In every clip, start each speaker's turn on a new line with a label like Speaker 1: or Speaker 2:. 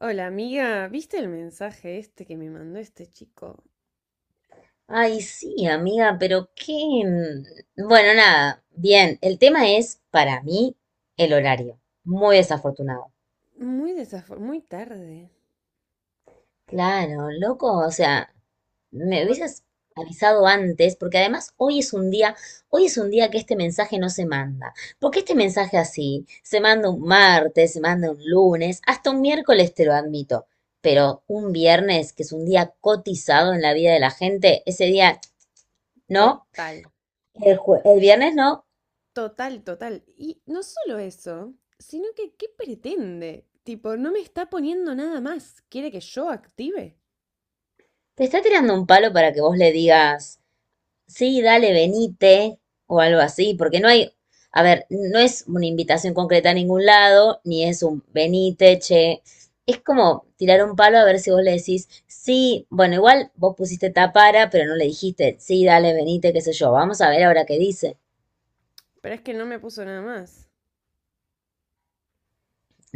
Speaker 1: Hola amiga, ¿viste el mensaje este que me mandó este chico?
Speaker 2: Ay, sí, amiga, pero qué... bueno, nada, bien, el tema es, para mí, el horario. Muy desafortunado.
Speaker 1: Muy tarde.
Speaker 2: Claro, loco, o sea, me hubieses avisado antes, porque además hoy es un día, hoy es un día que este mensaje no se manda. Porque este mensaje así, se manda un martes, se manda un lunes, hasta un miércoles te lo admito, pero un viernes, que es un día cotizado en la vida de la gente, ese día no.
Speaker 1: Total,
Speaker 2: El viernes no.
Speaker 1: total, total. Y no solo eso, sino que ¿qué pretende? Tipo, no me está poniendo nada más. ¿Quiere que yo active?
Speaker 2: Te está tirando un palo para que vos le digas, sí, dale, venite, o algo así, porque no hay, a ver, no es una invitación concreta a ningún lado, ni es un venite, che. Es como tirar un palo a ver si vos le decís, sí, bueno, igual vos pusiste tapara, pero no le dijiste, sí, dale, venite, qué sé yo, vamos a ver ahora qué dice.
Speaker 1: Pero es que no me puso nada más.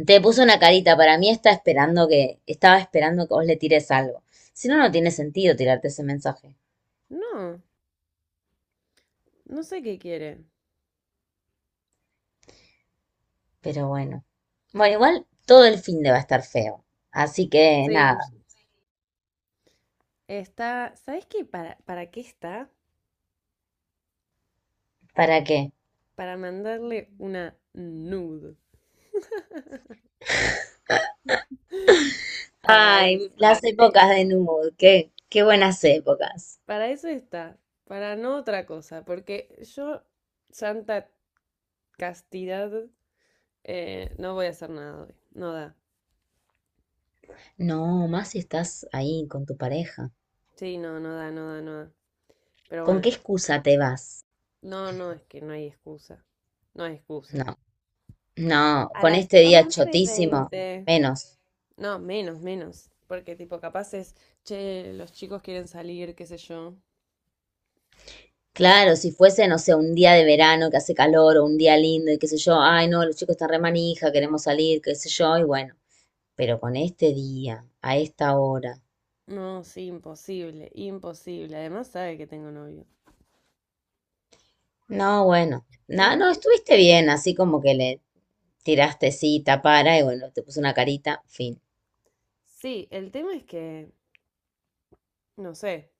Speaker 2: Te puso una carita, para mí está esperando que, estaba esperando que vos le tires algo. Si no, no tiene sentido tirarte ese mensaje.
Speaker 1: No, no sé qué quiere.
Speaker 2: Pero bueno. Bueno, igual todo el fin de va a estar feo. Así que
Speaker 1: Sí.
Speaker 2: nada,
Speaker 1: ¿Sabes qué? ¿Para qué está?
Speaker 2: ¿para qué?
Speaker 1: Para mandarle una nude. Para
Speaker 2: Ay, las
Speaker 1: eso.
Speaker 2: épocas de Nude, qué, qué buenas épocas.
Speaker 1: Para eso está, para no otra cosa, porque yo, santa castidad, no voy a hacer nada hoy. No da.
Speaker 2: No, más si estás ahí con tu pareja.
Speaker 1: Sí, no, no da, no da, no da. Pero
Speaker 2: ¿Con
Speaker 1: bueno,
Speaker 2: qué excusa te vas?
Speaker 1: no, no, es que no hay excusa. No hay excusa.
Speaker 2: No, no,
Speaker 1: A
Speaker 2: con
Speaker 1: las
Speaker 2: este día
Speaker 1: 11 y
Speaker 2: chotísimo,
Speaker 1: veinte.
Speaker 2: menos.
Speaker 1: No, menos, menos. Porque tipo, capaz es, che, los chicos quieren salir, qué sé yo.
Speaker 2: Claro, si fuese, no sé, un día de verano que hace calor o un día lindo y qué sé yo, ay no, los chicos están re manija, queremos salir, qué sé yo, y bueno, pero con este día, a esta hora.
Speaker 1: No, sí, imposible, imposible. Además sabe que tengo novio.
Speaker 2: No, bueno, nada, no,
Speaker 1: ¿Tendré?
Speaker 2: estuviste bien, así como que le tiraste cita para y bueno, te puso una carita, fin.
Speaker 1: Sí, el tema es que, no sé,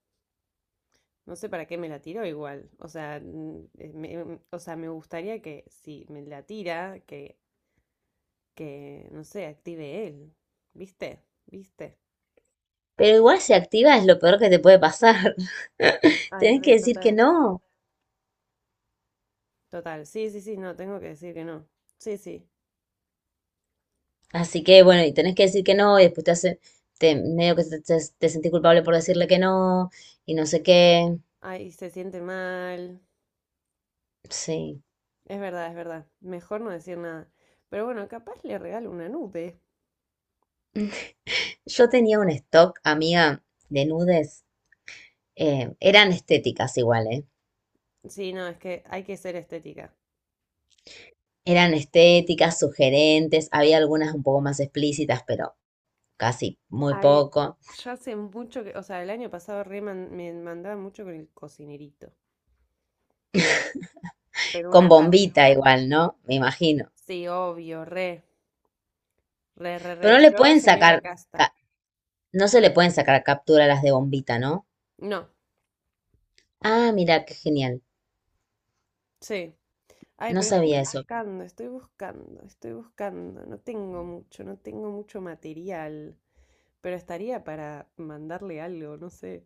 Speaker 1: no sé para qué me la tiró igual. O sea, o sea, me gustaría que si me la tira, que, no sé, active él. ¿Viste? ¿Viste?
Speaker 2: Pero igual si activa es lo peor que te puede pasar.
Speaker 1: Ay,
Speaker 2: Tenés que
Speaker 1: re,
Speaker 2: decir que
Speaker 1: total.
Speaker 2: no.
Speaker 1: Total. Sí, sí, sí, no, tengo que decir que no. Sí, sí.
Speaker 2: Así que bueno, y tenés que decir que no, y después te hace, te, medio que te, te sentís culpable por decirle que no, y no sé qué.
Speaker 1: Ay, se siente mal.
Speaker 2: Sí.
Speaker 1: Es verdad, es verdad. Mejor no decir nada. Pero bueno, capaz le regalo una nube.
Speaker 2: Yo tenía un stock, amiga, de nudes. Eran estéticas igual, ¿eh?
Speaker 1: Sí, no, es que hay que ser estética.
Speaker 2: Eran estéticas, sugerentes, había algunas un poco más explícitas, pero casi muy
Speaker 1: Ay,
Speaker 2: poco,
Speaker 1: yo hace mucho que, o sea, el año pasado me mandaba mucho con el cocinerito. Pero
Speaker 2: con
Speaker 1: una banda.
Speaker 2: bombita igual, ¿no? Me imagino.
Speaker 1: Sí, obvio, re, re, re,
Speaker 2: Pero
Speaker 1: re.
Speaker 2: no le
Speaker 1: Yo,
Speaker 2: pueden
Speaker 1: señora
Speaker 2: sacar,
Speaker 1: Casta.
Speaker 2: ca- no se le pueden sacar captura a las de bombita, ¿no?
Speaker 1: No,
Speaker 2: Ah, mira, qué genial.
Speaker 1: sí. Ay,
Speaker 2: No
Speaker 1: pero estoy
Speaker 2: sabía eso.
Speaker 1: buscando, estoy buscando, estoy buscando. No tengo mucho, no tengo mucho material, pero estaría para mandarle algo, no sé.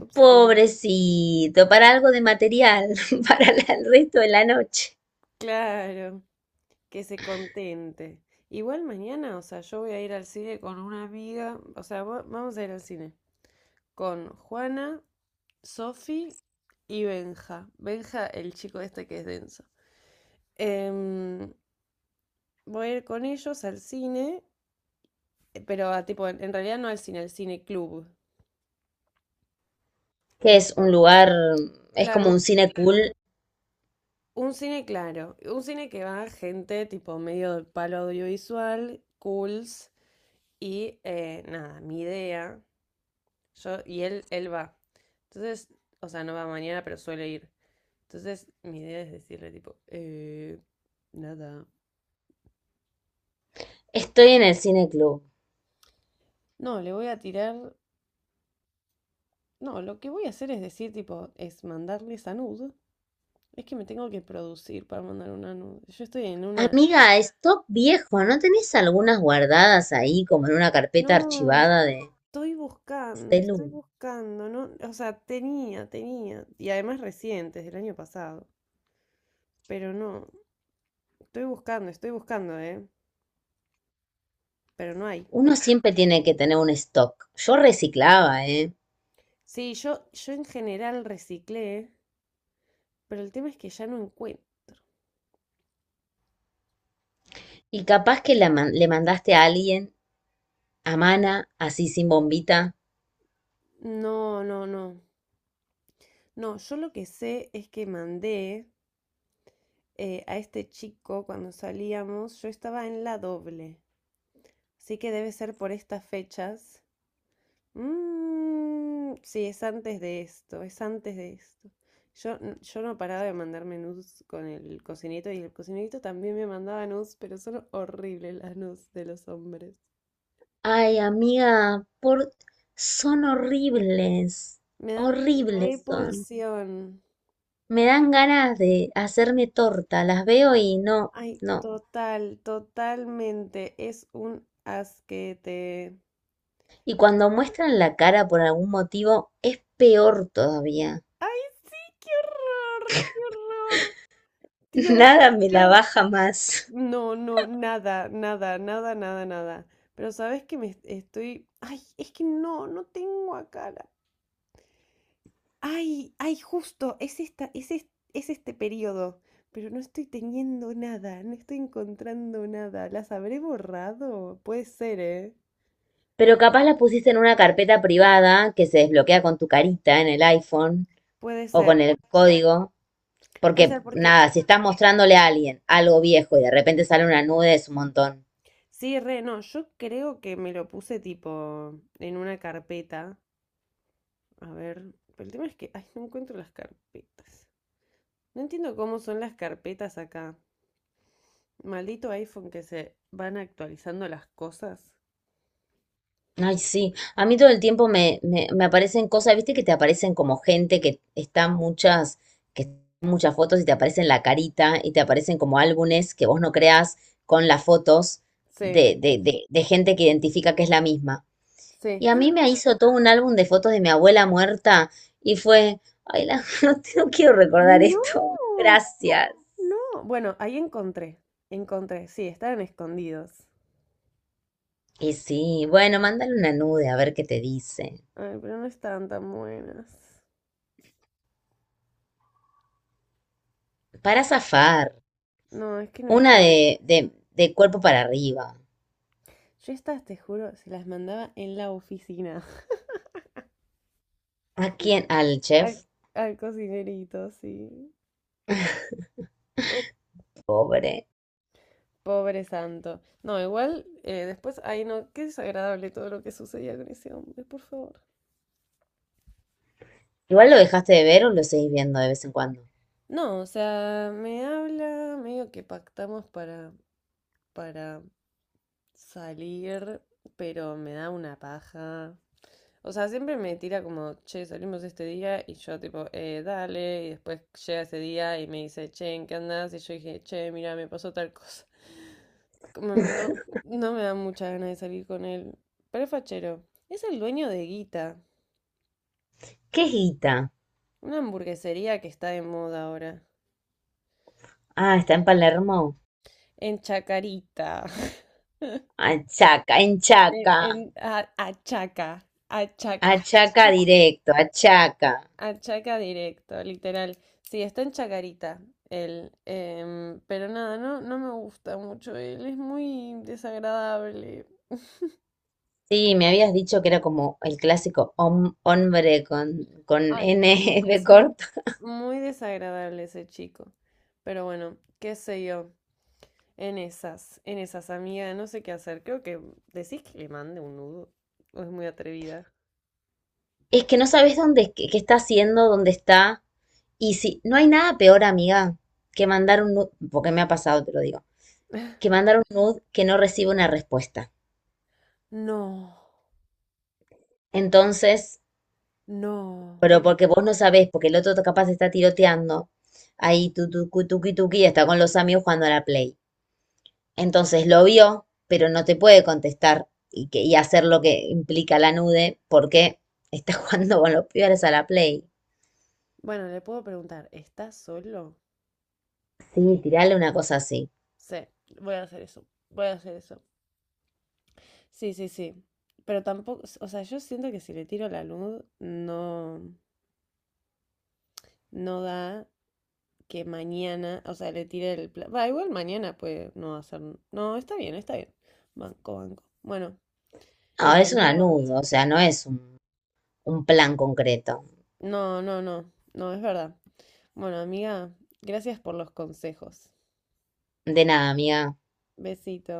Speaker 1: Upsi.
Speaker 2: Pobrecito, para algo de material, para el resto de la noche.
Speaker 1: Claro, que se contente. Igual mañana, o sea, yo voy a ir al cine con una amiga, o sea, vamos a ir al cine con Juana, Sofi y Benja. Benja, el chico este que es denso. Em, Voy a ir con ellos al cine, pero a tipo, en realidad no al cine, al cine club, que
Speaker 2: Que
Speaker 1: es
Speaker 2: es un
Speaker 1: tipo,
Speaker 2: lugar, es como un
Speaker 1: claro,
Speaker 2: cine cool.
Speaker 1: claro, un cine que va gente tipo medio del palo audiovisual, cools, y nada, mi idea, yo, y él va. Entonces, o sea, no va mañana, pero suele ir. Entonces, mi idea es decirle tipo, nada.
Speaker 2: Estoy en el cine club.
Speaker 1: No, le voy a tirar, no, lo que voy a hacer es decir tipo, es mandarle esa nud. Es que me tengo que producir para mandar una nude. Yo estoy en una...
Speaker 2: Amiga, stock viejo, ¿no tenés algunas guardadas ahí como en una carpeta
Speaker 1: No,
Speaker 2: archivada de
Speaker 1: estoy
Speaker 2: celu?
Speaker 1: buscando, ¿no? O sea, tenía, tenía. Y además recientes, del año pasado. Pero no, estoy buscando, ¿eh? Pero no hay.
Speaker 2: Uno siempre tiene que tener un stock. Yo reciclaba, ¿eh?
Speaker 1: Sí, yo en general reciclé, pero el tema es que ya no encuentro.
Speaker 2: Y capaz que le mandaste a alguien, a Mana, así sin bombita.
Speaker 1: No, no, no. No, yo lo que sé es que mandé a este chico cuando salíamos, yo estaba en la doble. Así que debe ser por estas fechas. Mm, sí, es antes de esto, es antes de esto. Yo no paraba de mandarme nudes con el cocinito y el cocinito también me mandaba nudes, pero son horribles las nudes de los hombres.
Speaker 2: Ay, amiga, por... son horribles.
Speaker 1: Me dan
Speaker 2: Horribles son.
Speaker 1: repulsión.
Speaker 2: Me dan ganas de hacerme torta. Las veo y no,
Speaker 1: Ay,
Speaker 2: no.
Speaker 1: total, totalmente. Es un asquete.
Speaker 2: Y cuando muestran la cara por algún motivo, es peor todavía.
Speaker 1: ¡Ay, sí! ¡Qué horror! ¡Qué horror! Dios.
Speaker 2: Nada me la baja más.
Speaker 1: No, no, nada, nada, nada, nada, nada. Pero sabes que estoy. Ay, es que no tengo acá la. Ay, ay, justo, es esta, es este periodo. Pero no estoy teniendo nada, no estoy encontrando nada. ¿Las habré borrado? Puede ser, ¿eh?
Speaker 2: Pero capaz la pusiste en una carpeta privada que se desbloquea con tu carita en el iPhone,
Speaker 1: Puede
Speaker 2: o con
Speaker 1: ser.
Speaker 2: el código,
Speaker 1: Puede
Speaker 2: porque
Speaker 1: ser porque.
Speaker 2: nada, si estás mostrándole a alguien algo viejo y de repente sale una nube es un montón.
Speaker 1: Sí, re, no, yo creo que me lo puse tipo en una carpeta. A ver. Pero el tema es que. Ay, no encuentro las carpetas. No entiendo cómo son las carpetas acá. Maldito iPhone que se van actualizando las cosas.
Speaker 2: Ay, sí, a mí todo el tiempo me aparecen cosas, viste que te aparecen como gente que está muchas, que están muchas fotos y te aparecen la carita y te aparecen como álbumes que vos no creas con las fotos
Speaker 1: Sí,
Speaker 2: de gente que identifica que es la misma.
Speaker 1: sí.
Speaker 2: Y a mí me hizo todo un álbum de fotos de mi abuela muerta y fue, ay, no, no quiero recordar
Speaker 1: Mm.
Speaker 2: esto,
Speaker 1: No,
Speaker 2: gracias.
Speaker 1: no. Bueno, ahí encontré. Encontré, sí, estaban escondidos.
Speaker 2: Y sí, bueno, mándale una nude a ver qué te dice.
Speaker 1: Ay, pero no estaban tan buenas.
Speaker 2: Para zafar,
Speaker 1: No, es que no
Speaker 2: una
Speaker 1: están.
Speaker 2: de cuerpo para arriba.
Speaker 1: Yo estas, te juro, se las mandaba en la oficina.
Speaker 2: ¿A quién? Al
Speaker 1: Al,
Speaker 2: chef,
Speaker 1: al cocinerito, sí. Oh,
Speaker 2: pobre.
Speaker 1: pobre santo. No, igual, después, ay, no, qué desagradable todo lo que sucedía con ese hombre, por favor.
Speaker 2: Igual lo dejaste de ver o lo seguís viendo de vez en cuando.
Speaker 1: No, o sea, me habla, medio que pactamos para, salir, pero me da una paja. O sea, siempre me tira como, che, salimos este día, y yo tipo, dale, y después llega ese día y me dice, che, ¿en qué andás? Y yo dije, che, mira, me pasó tal cosa. Como no, no me da mucha ganas de salir con él. Pero es fachero. Es el dueño de Guita,
Speaker 2: ¿Qué es Guita?
Speaker 1: una hamburguesería que está de moda ahora,
Speaker 2: Ah, está en Palermo.
Speaker 1: en Chacarita.
Speaker 2: Achaca, en Chaca.
Speaker 1: Achaca, achaca,
Speaker 2: Achaca directo, achaca.
Speaker 1: achaca directo, literal. Sí, está en Chacarita él, pero nada, no, no me gusta mucho él, es muy desagradable.
Speaker 2: Sí, me habías dicho que era como el clásico hombre con
Speaker 1: Ay,
Speaker 2: N de
Speaker 1: sí,
Speaker 2: corto.
Speaker 1: muy desagradable ese chico. Pero bueno, qué sé yo, en esas, amiga, no sé qué hacer. Creo que decís que le mande un nudo, o es muy atrevida.
Speaker 2: Es que no sabes dónde, qué, qué está haciendo, dónde está. Y si no hay nada peor, amiga, que mandar un nude, porque me ha pasado, te lo digo, que mandar un nude que no recibe una respuesta.
Speaker 1: No,
Speaker 2: Entonces,
Speaker 1: no.
Speaker 2: pero porque vos no sabés, porque el otro capaz está tiroteando, ahí tu tuqui tuqui tuqui, está con los amigos jugando a la Play. Entonces lo vio, pero no te puede contestar y, que, y hacer lo que implica la nude, porque está jugando con los pibes a la Play.
Speaker 1: Bueno, le puedo preguntar, ¿estás solo?
Speaker 2: Sí, tirarle una cosa así.
Speaker 1: Sí, voy a hacer eso. Voy a hacer eso. Sí, sí, sí. Pero tampoco, o sea, yo siento que si le tiro la luz, no, no da que mañana, o sea, le tire va, igual mañana puede no hacer. No, está bien, está bien. Banco, banco. Bueno,
Speaker 2: Ahora
Speaker 1: eso,
Speaker 2: es una
Speaker 1: amiga.
Speaker 2: nude, o sea, no es un plan concreto.
Speaker 1: No, no, no. No, es verdad. Bueno, amiga, gracias por los consejos.
Speaker 2: De nada, amiga.
Speaker 1: Besito.